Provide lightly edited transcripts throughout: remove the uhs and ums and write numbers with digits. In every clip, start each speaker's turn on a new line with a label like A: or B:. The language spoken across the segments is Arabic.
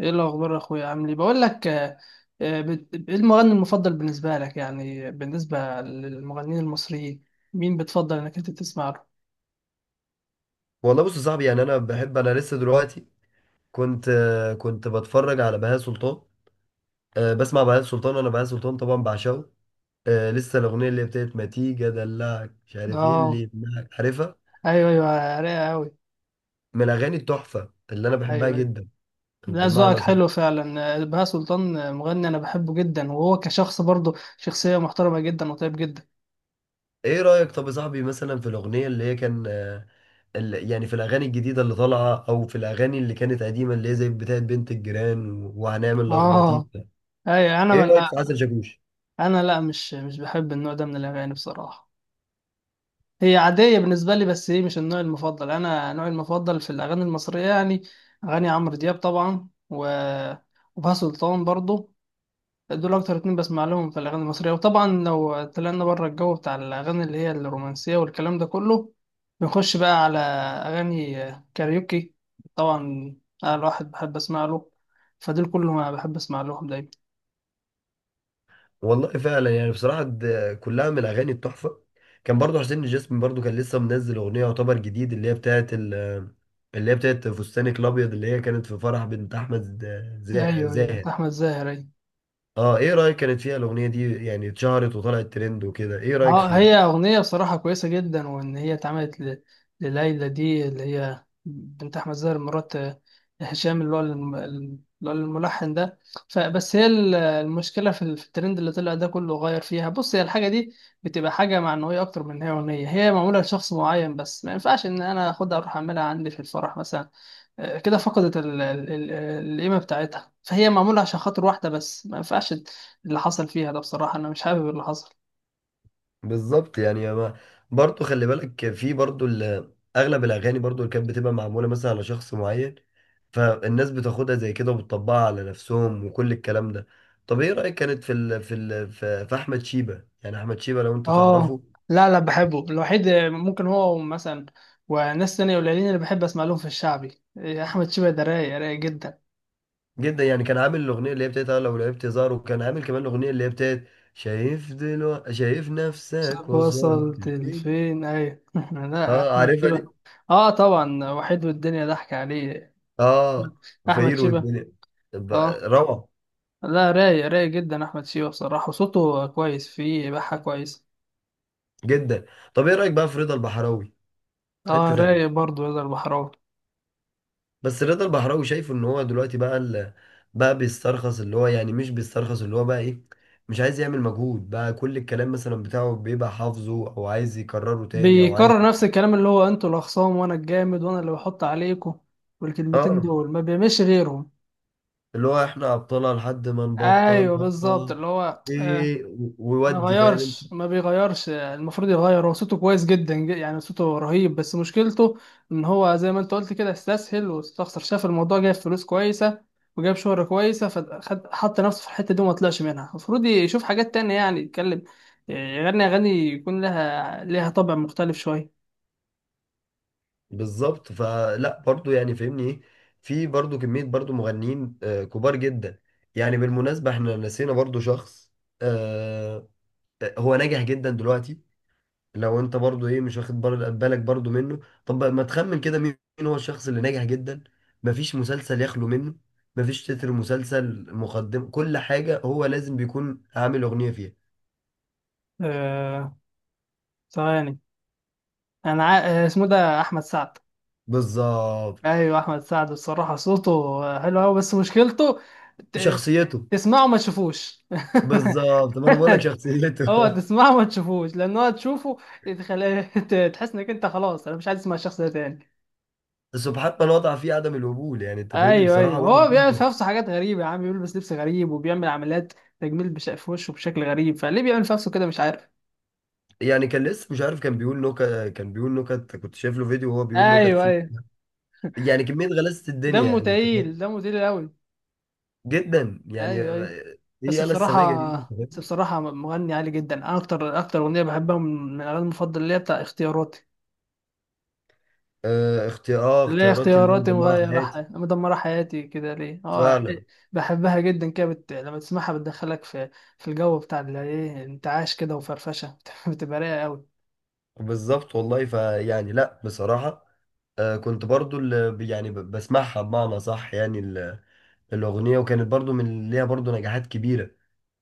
A: ايه الاخبار يا اخويا، عامل ايه؟ بقول لك ايه المغني المفضل بالنسبه لك؟ يعني بالنسبه للمغنيين المصريين مين بتفضل انك انت تسمع له؟
B: والله بص يا صاحبي، يعني انا بحب. انا لسه دلوقتي كنت كنت بتفرج على بهاء سلطان. بسمع بهاء سلطان. انا بهاء سلطان طبعا بعشقه. لسه الاغنيه اللي بتاعت ما تيجي ادلعك مش عارف ايه
A: اه،
B: اللي يمنعك، عارفها؟
A: ايوه ايوه، رايقه قوي.
B: من الاغاني التحفه اللي انا بحبها
A: ايوه أيوة.
B: جدا.
A: لا، ذوقك
B: بمعنى صح.
A: حلو فعلا. بهاء سلطان مغني انا بحبه جدا، وهو كشخص برضه شخصيه محترمه جدا وطيب جدا.
B: ايه رايك طب يا صاحبي مثلا في الاغنيه اللي هي كان يعني في الاغاني الجديده اللي طالعه، او في الاغاني اللي كانت قديمه اللي هي زي بتاعت بنت الجيران وهنعمل لخبطيط
A: اه،
B: ده؟
A: ايوه،
B: ايه رايك في عسل شاكوش؟
A: انا لا، مش بحب النوع ده من الاغاني بصراحه. هي عادية بالنسبة لي، بس هي مش النوع المفضل. أنا نوعي المفضل في الأغاني المصرية يعني أغاني عمرو دياب طبعا، وبهاء سلطان برضو. دول أكتر اتنين بسمع لهم في الأغاني المصرية. وطبعا لو طلعنا بره الجو بتاع الأغاني اللي هي الرومانسية والكلام ده كله، بنخش بقى على أغاني كاريوكي طبعا أنا الواحد بحب أسمع له. فدول كلهم أنا بحب أسمع لهم دايما.
B: والله فعلا يعني بصراحة ده كلها من الأغاني التحفة. كان برضو حسين الجسمي برضو كان لسه منزل أغنية يعتبر جديد، اللي هي اللي هي بتاعت فستانك الأبيض، اللي هي كانت في فرح بنت أحمد
A: أيوه أيوة،
B: زاهد.
A: أحمد زاهر أيوة.
B: اه، ايه رأيك كانت فيها الأغنية دي؟ يعني اتشهرت وطلعت ترند وكده، ايه رأيك
A: اه، هي
B: فيها؟
A: أغنية بصراحة كويسة جدا، وإن هي اتعملت لليلى دي اللي هي بنت أحمد زاهر مرات هشام، اللي هو الملحن ده. فبس هي المشكلة في في الترند اللي طلع ده كله غير فيها. بص، هي الحاجة دي بتبقى حاجة معنوية أكتر من إن هي أغنية هي معمولة لشخص معين، بس ما ينفعش إن أنا أخدها أروح أعملها عندي في الفرح مثلا. كده فقدت القيمة بتاعتها. فهي معمولة عشان خاطر واحدة، بس ما ينفعش اللي حصل فيها ده. بصراحة أنا مش حابب اللي حصل.
B: بالظبط. يعني ما برضو خلي بالك في برضو أغلب الأغاني برضو اللي كانت بتبقى معمولة مثلا على شخص معين، فالناس بتاخدها زي كده وبتطبقها على نفسهم وكل الكلام ده. طب ايه رأيك كانت في ال في ال في في احمد شيبة؟ يعني احمد شيبة لو انت
A: اه،
B: تعرفه.
A: لا لا، بحبه. الوحيد ممكن هو مثلا، وناس تانية قليلين، اللي بحب اسمع لهم في الشعبي، إيه، احمد شيبة ده رايق رايق جدا.
B: جدا يعني. كان عامل الاغنيه اللي هي بتاعت لو لعبت زار، وكان عامل كمان الاغنيه اللي هي بتاعت شايف دلوقتي، شايف نفسك
A: صاحب
B: وصلت
A: وصلت
B: لفين.
A: لفين، ايوه. لا،
B: اه
A: احمد
B: عارفها دي.
A: شيبة، اه طبعا. وحيد والدنيا ضحك عليه.
B: اه
A: احمد
B: فقير
A: شيبة.
B: والدنيا. طب،
A: اه،
B: روعه
A: لا رايق رايق جدا، احمد شيبة بصراحة. صوته كويس، فيه بحة كويس.
B: جدا. طب ايه رايك بقى في رضا البحراوي؟ في
A: اه،
B: حته تانية.
A: رايق برضه يقدر البحراوي.
B: بس رضا البحراوي شايفه ان هو دلوقتي بقى بقى بيسترخص، اللي هو يعني مش بيسترخص، اللي هو بقى ايه، مش عايز يعمل مجهود بقى. كل الكلام مثلا بتاعه بيبقى حافظه او عايز يكرره تاني او عايز.
A: بيكرر نفس الكلام، اللي هو انتوا الاخصام، وانا الجامد، وانا اللي بحط عليكم. والكلمتين
B: اه،
A: دول ما بيعملش غيرهم.
B: اللي هو احنا ابطالها لحد ما نبطل
A: ايوه بالظبط،
B: بطل.
A: اللي هو
B: ايه ويودي، فاهم انت؟
A: ما بيغيرش. المفروض يغير، هو صوته كويس جدا، يعني صوته رهيب. بس مشكلته ان هو زي ما انت قلت كده استسهل واستخسر. شاف الموضوع جايب فلوس كويسه وجاب شهرة كويسه، فخد حط نفسه في الحته دي وما طلعش منها. المفروض يشوف حاجات تانية، يعني يتكلم، يغني اغاني يكون لها لها طابع مختلف شويه.
B: بالظبط فلا، برضو يعني فاهمني ايه. في برضو كمية برضو مغنيين كبار جدا. يعني بالمناسبة، احنا نسينا برضو شخص، آه، هو ناجح جدا دلوقتي. لو انت برضو ايه، مش واخد بالك برضو منه. طب بقى ما تخمن كده مين هو الشخص اللي ناجح جدا؟ مفيش مسلسل يخلو منه، مفيش تتر مسلسل مقدم كل حاجة هو لازم بيكون عامل أغنية فيها.
A: آه ثواني، انا عا- آه، اسمه ده احمد سعد.
B: بالظبط.
A: ايوه، احمد سعد الصراحه صوته حلو قوي، بس مشكلته ت-
B: شخصيته.
A: تسمعه ما تشوفوش.
B: بالظبط، طب انا بقول لك شخصيته.
A: هو تسمعه ما تشوفوش لان هو تشوفه، تحس انك انت خلاص انا مش عايز اسمع الشخص ده تاني.
B: سبحان من وضع فيه عدم القبول. يعني انت فاهمني،
A: ايوه ايوه،
B: بصراحة وحش
A: هو بيعمل في
B: جدا.
A: نفسه حاجات غريبه يا عم، بيلبس لبس غريب وبيعمل عمليات تجميل في وشه بشكل غريب. فليه بيعمل في نفسه كده مش عارف.
B: يعني كان لسه مش عارف، كان بيقول نكت. كان بيقول نكت، كنت شايف له فيديو وهو بيقول نكت
A: ايوه
B: فيه.
A: ايوه،
B: يعني كمية غلاسة الدنيا،
A: دمه
B: يعني انت
A: تقيل
B: فاهم.
A: دمه تقيل قوي.
B: جدا يعني،
A: ايوه ايوه.
B: ايه.
A: بس
B: يلا السماجه دي، انت
A: بصراحة بس
B: فاهم؟
A: بصراحة مغني عالي جدا. أنا أكتر أغنية بحبها من الأغاني المفضلة اللي هي بتاع اختياراتي،
B: آه اختيار، اه
A: اللي هي
B: اختيارات اللي هي
A: اختياراتي،
B: مدمره حياتي.
A: مدمرة حياتي كده ليه، اه
B: فعلا.
A: يعني. بحبها جدا كده، لما تسمعها بتدخلك في الجو بتاع اللي ايه، انتعاش كده وفرفشة. بتبقى رايقة أوي.
B: بالظبط والله، فيعني لا بصراحه. آه كنت برضو اللي يعني بسمعها بمعنى صح. يعني الاغنيه وكانت برضو من ليها برضو نجاحات كبيره.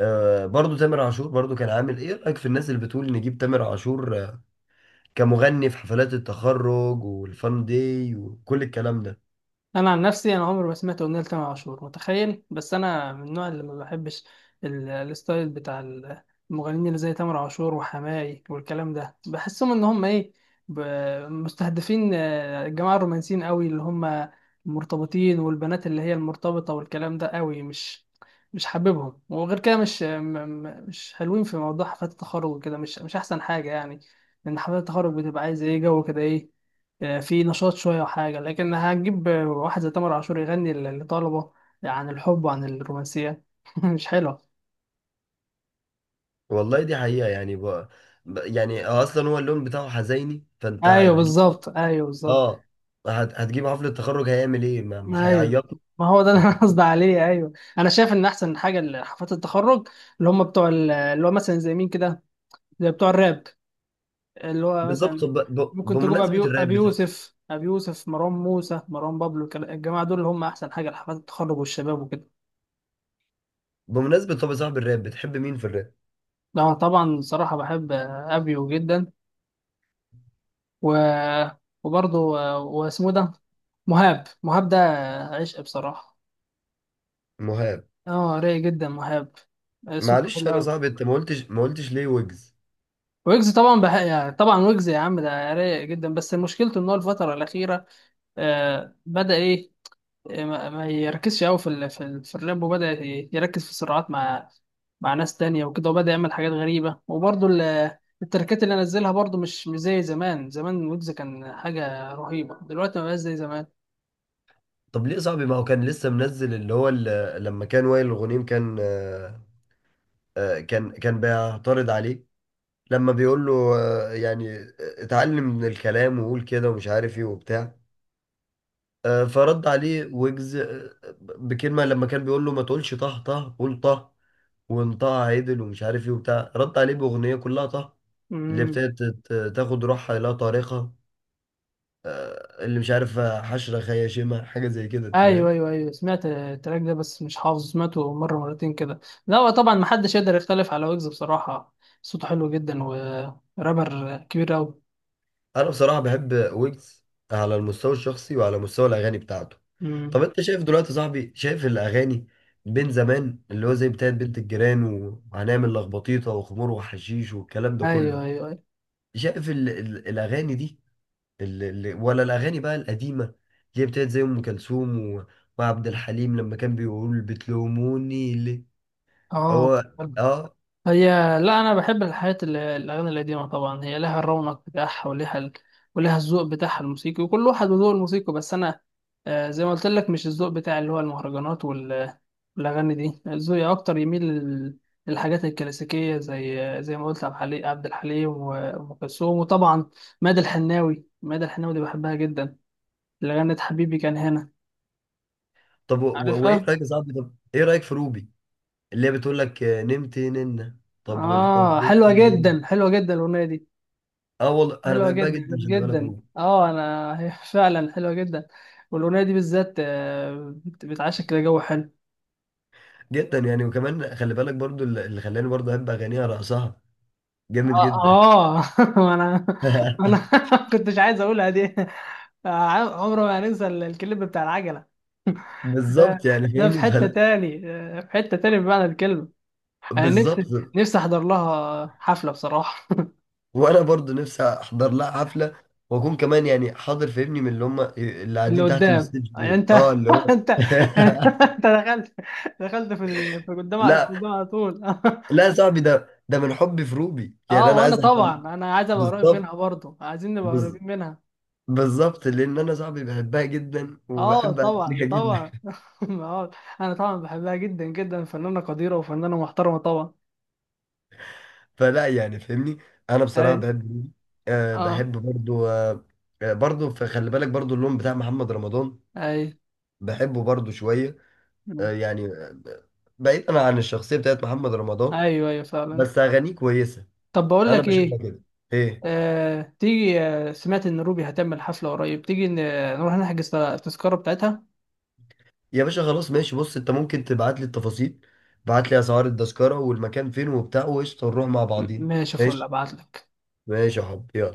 B: آه برضو تامر عاشور برضو كان عامل. ايه رايك في الناس اللي بتقول نجيب تامر عاشور كمغني في حفلات التخرج والفان داي وكل الكلام ده؟
A: انا عن نفسي انا عمري ما سمعت اغنيه لتامر عاشور، متخيل. بس انا من النوع اللي ما بحبش الستايل بتاع المغنيين اللي زي تامر عاشور وحماقي والكلام ده، بحسهم ان هم ايه، ب- مستهدفين الجماعه الرومانسيين قوي اللي هم المرتبطين، والبنات اللي هي المرتبطه والكلام ده قوي. مش حاببهم. وغير كده مش م- م- مش حلوين في موضوع حفلات التخرج وكده. مش احسن حاجه يعني. لان حفلات التخرج بتبقى عايزه ايه، جو كده، ايه، في نشاط شوية وحاجة. لكن هتجيب واحد زي تامر عاشور يغني لطلبة عن الحب وعن الرومانسية؟ مش حلوة.
B: والله دي حقيقه. يعني بقى، يعني اصلا هو اللون بتاعه حزيني، فانت
A: أيوه
B: هتجيب.
A: بالظبط، أيوه بالظبط.
B: اه، هتجيب حفلة تخرج هيعمل ايه؟ ما
A: أيوه،
B: هيعيط
A: ما هو ده اللي أنا
B: له.
A: قصدي عليه. أيوه، أنا شايف إن أحسن حاجة لحفلات التخرج اللي هم بتوع اللي هو مثلا زي مين كده، زي بتوع الراب، اللي هو
B: بالظبط. طب
A: مثلا ممكن تجيب
B: بمناسبة الراب بتاع.
A: أبي يوسف، مروان موسى، مروان بابلو، الجماعة دول اللي هم أحسن حاجة لحفلات التخرج والشباب وكده.
B: بمناسبة، طب يا صاحب، الراب بتحب مين في الراب؟
A: لا طبعا، صراحة بحب أبيو جدا، و... وبرضه، واسمه إيه ده، مهاب، مهاب ده عشق بصراحة.
B: مهاب.
A: اه، رايق جدا مهاب، صوته
B: معلش
A: حلو
B: انا
A: قوي.
B: صاحبي، انت ما قلتش ليه ويجز؟
A: ويجز طبعا يعني طبعا ويجز يا عم ده رايق جدا، بس مشكلته ان هو الفترة الأخيرة بدأ ايه، ما يركزش قوي في الراب. وبدأ يركز في الصراعات مع مع ناس تانية وكده، وبدأ يعمل حاجات غريبة. وبرضه التركات اللي نزلها برضه مش زي زمان. زمان ويجز كان حاجة رهيبة، دلوقتي ما بقاش زي زمان.
B: طب ليه يا صاحبي؟ ما هو كان لسه منزل اللي هو لما كان وائل الغنيم كان، كان بيعترض عليه. لما بيقول له آه، يعني آه، اتعلم من الكلام وقول كده ومش عارف ايه وبتاع. فرد عليه ويجز بكلمة. لما كان بيقول له ما تقولش طه، طه قول طه، وانطقها عدل ومش عارف ايه وبتاع، رد عليه باغنيه كلها طه، اللي
A: مم.
B: ابتدت تاخد روحها لا طريقه، اللي مش عارف حشره خياشمه حاجه زي كده، انت
A: ايوه
B: فاهم.
A: ايوه ايوه، سمعت التراك ده بس مش حافظه، سمعته مره مرتين كده. لا هو طبعا محدش يقدر يختلف على ويجز بصراحه، صوته حلو جدا ورابر كبير قوي.
B: انا بصراحه بحب ويجز، على المستوى الشخصي وعلى مستوى الاغاني بتاعته. طب
A: امم.
B: انت شايف دلوقتي يا صاحبي، شايف الاغاني بين زمان اللي هو زي بتاعت بنت الجيران وهنعمل لخبطيطه وخمور وحشيش والكلام ده كله،
A: ايوه ايوه ايوه.
B: شايف ال الاغاني دي ولا الاغاني بقى القديمه اللي هي بتاعت زي ام كلثوم وعبد الحليم لما كان بيقول بتلوموني ليه؟
A: اه
B: هو، اه.
A: هي، لا انا بحب الاغاني القديمه طبعا، هي لها الرونق بتاعها، ولها الذوق بتاعها الموسيقي، وكل واحد وذوق الموسيقى. بس انا زي ما قلت لك، مش الذوق بتاع اللي هو المهرجانات والاغاني دي، ذوقي اكتر يميل للحاجات الكلاسيكيه، زي ما قلت، عبد الحليم وام كلثوم، وطبعا مادة الحناوي دي بحبها جدا، اللي غنت حبيبي كان هنا.
B: طب وايه
A: عارفها؟
B: رايك يا صاحبي؟ طب ايه رايك في روبي اللي هي بتقول لك نمت ننه، طب
A: اه،
B: والحب
A: حلوه
B: إني بن؟
A: جدا حلوه جدا الاغنيه دي،
B: اه والله انا
A: حلوة
B: بحبها
A: جدا
B: جدا. خلي بالك
A: جدا.
B: روبي
A: اه، انا هي فعلا حلوة جدا. والاغنية دي بالذات، بتعشق كده جو حلو.
B: جدا، يعني. وكمان خلي بالك برضو اللي خلاني برضو احب اغانيها، رقصها جامد
A: اه
B: جدا.
A: آه. انا انا كنتش عايز اقولها دي. آه، عمره ما هننسى الكليب بتاع العجلة. ده
B: بالظبط يعني
A: ده في
B: فاهمني
A: حتة
B: فلا.
A: تاني، في حتة تاني بمعنى الكلمة. انا
B: بالظبط،
A: نفسي احضر لها حفلة بصراحة.
B: وانا برضو نفسي احضر لها حفله، واكون كمان يعني حاضر، فاهمني، من اللي هم اللي
A: اللي
B: قاعدين تحت
A: قدام
B: الستيج دول،
A: انت
B: اه، اللي هو.
A: انت انت دخلت دخلت في في قدام في
B: لا
A: قدام على طول
B: لا يا صاحبي، ده ده من حبي في روبي، يعني
A: اه،
B: انا
A: وانا
B: عايز احضر لها.
A: طبعا انا عايز ابقى قريب منها
B: بالظبط.
A: برضه، عايزين نبقى
B: بز-
A: قريبين منها.
B: بالظبط، لان انا صاحبي بحبها جدا
A: اه،
B: وبحب
A: طبعا
B: اغانيها جدا.
A: طبعا. آه، انا طبعا بحبها جدا جدا، فنانة قديرة وفنانة محترمة طبعا.
B: فلا يعني فاهمني. انا
A: اي،
B: بصراحه بحب روبي. أه
A: اه،
B: بحب برضو. أه، برضو فخلي بالك برضو اللون بتاع محمد رمضان.
A: اي.
B: بحبه برضو شويه.
A: مم.
B: أه يعني، بعيدا عن الشخصيه بتاعت محمد رمضان،
A: ايوه ايوه فعلا.
B: بس اغانيه كويسه.
A: طب بقول
B: انا
A: لك
B: بشوفها
A: ايه،
B: كده. ايه؟
A: تيجي، سمعت ان روبي هتعمل حفلة قريب، تيجي نروح نحجز التذكرة بتاعتها.
B: يا باشا خلاص ماشي. بص انت ممكن تبعت لي التفاصيل، بعت لي اسعار التذكره والمكان فين وبتاع، وقشطه نروح مع بعضين.
A: ماشي، فل
B: ماشي.
A: ابعت لك.
B: ماشي يا حبيبي، يلا.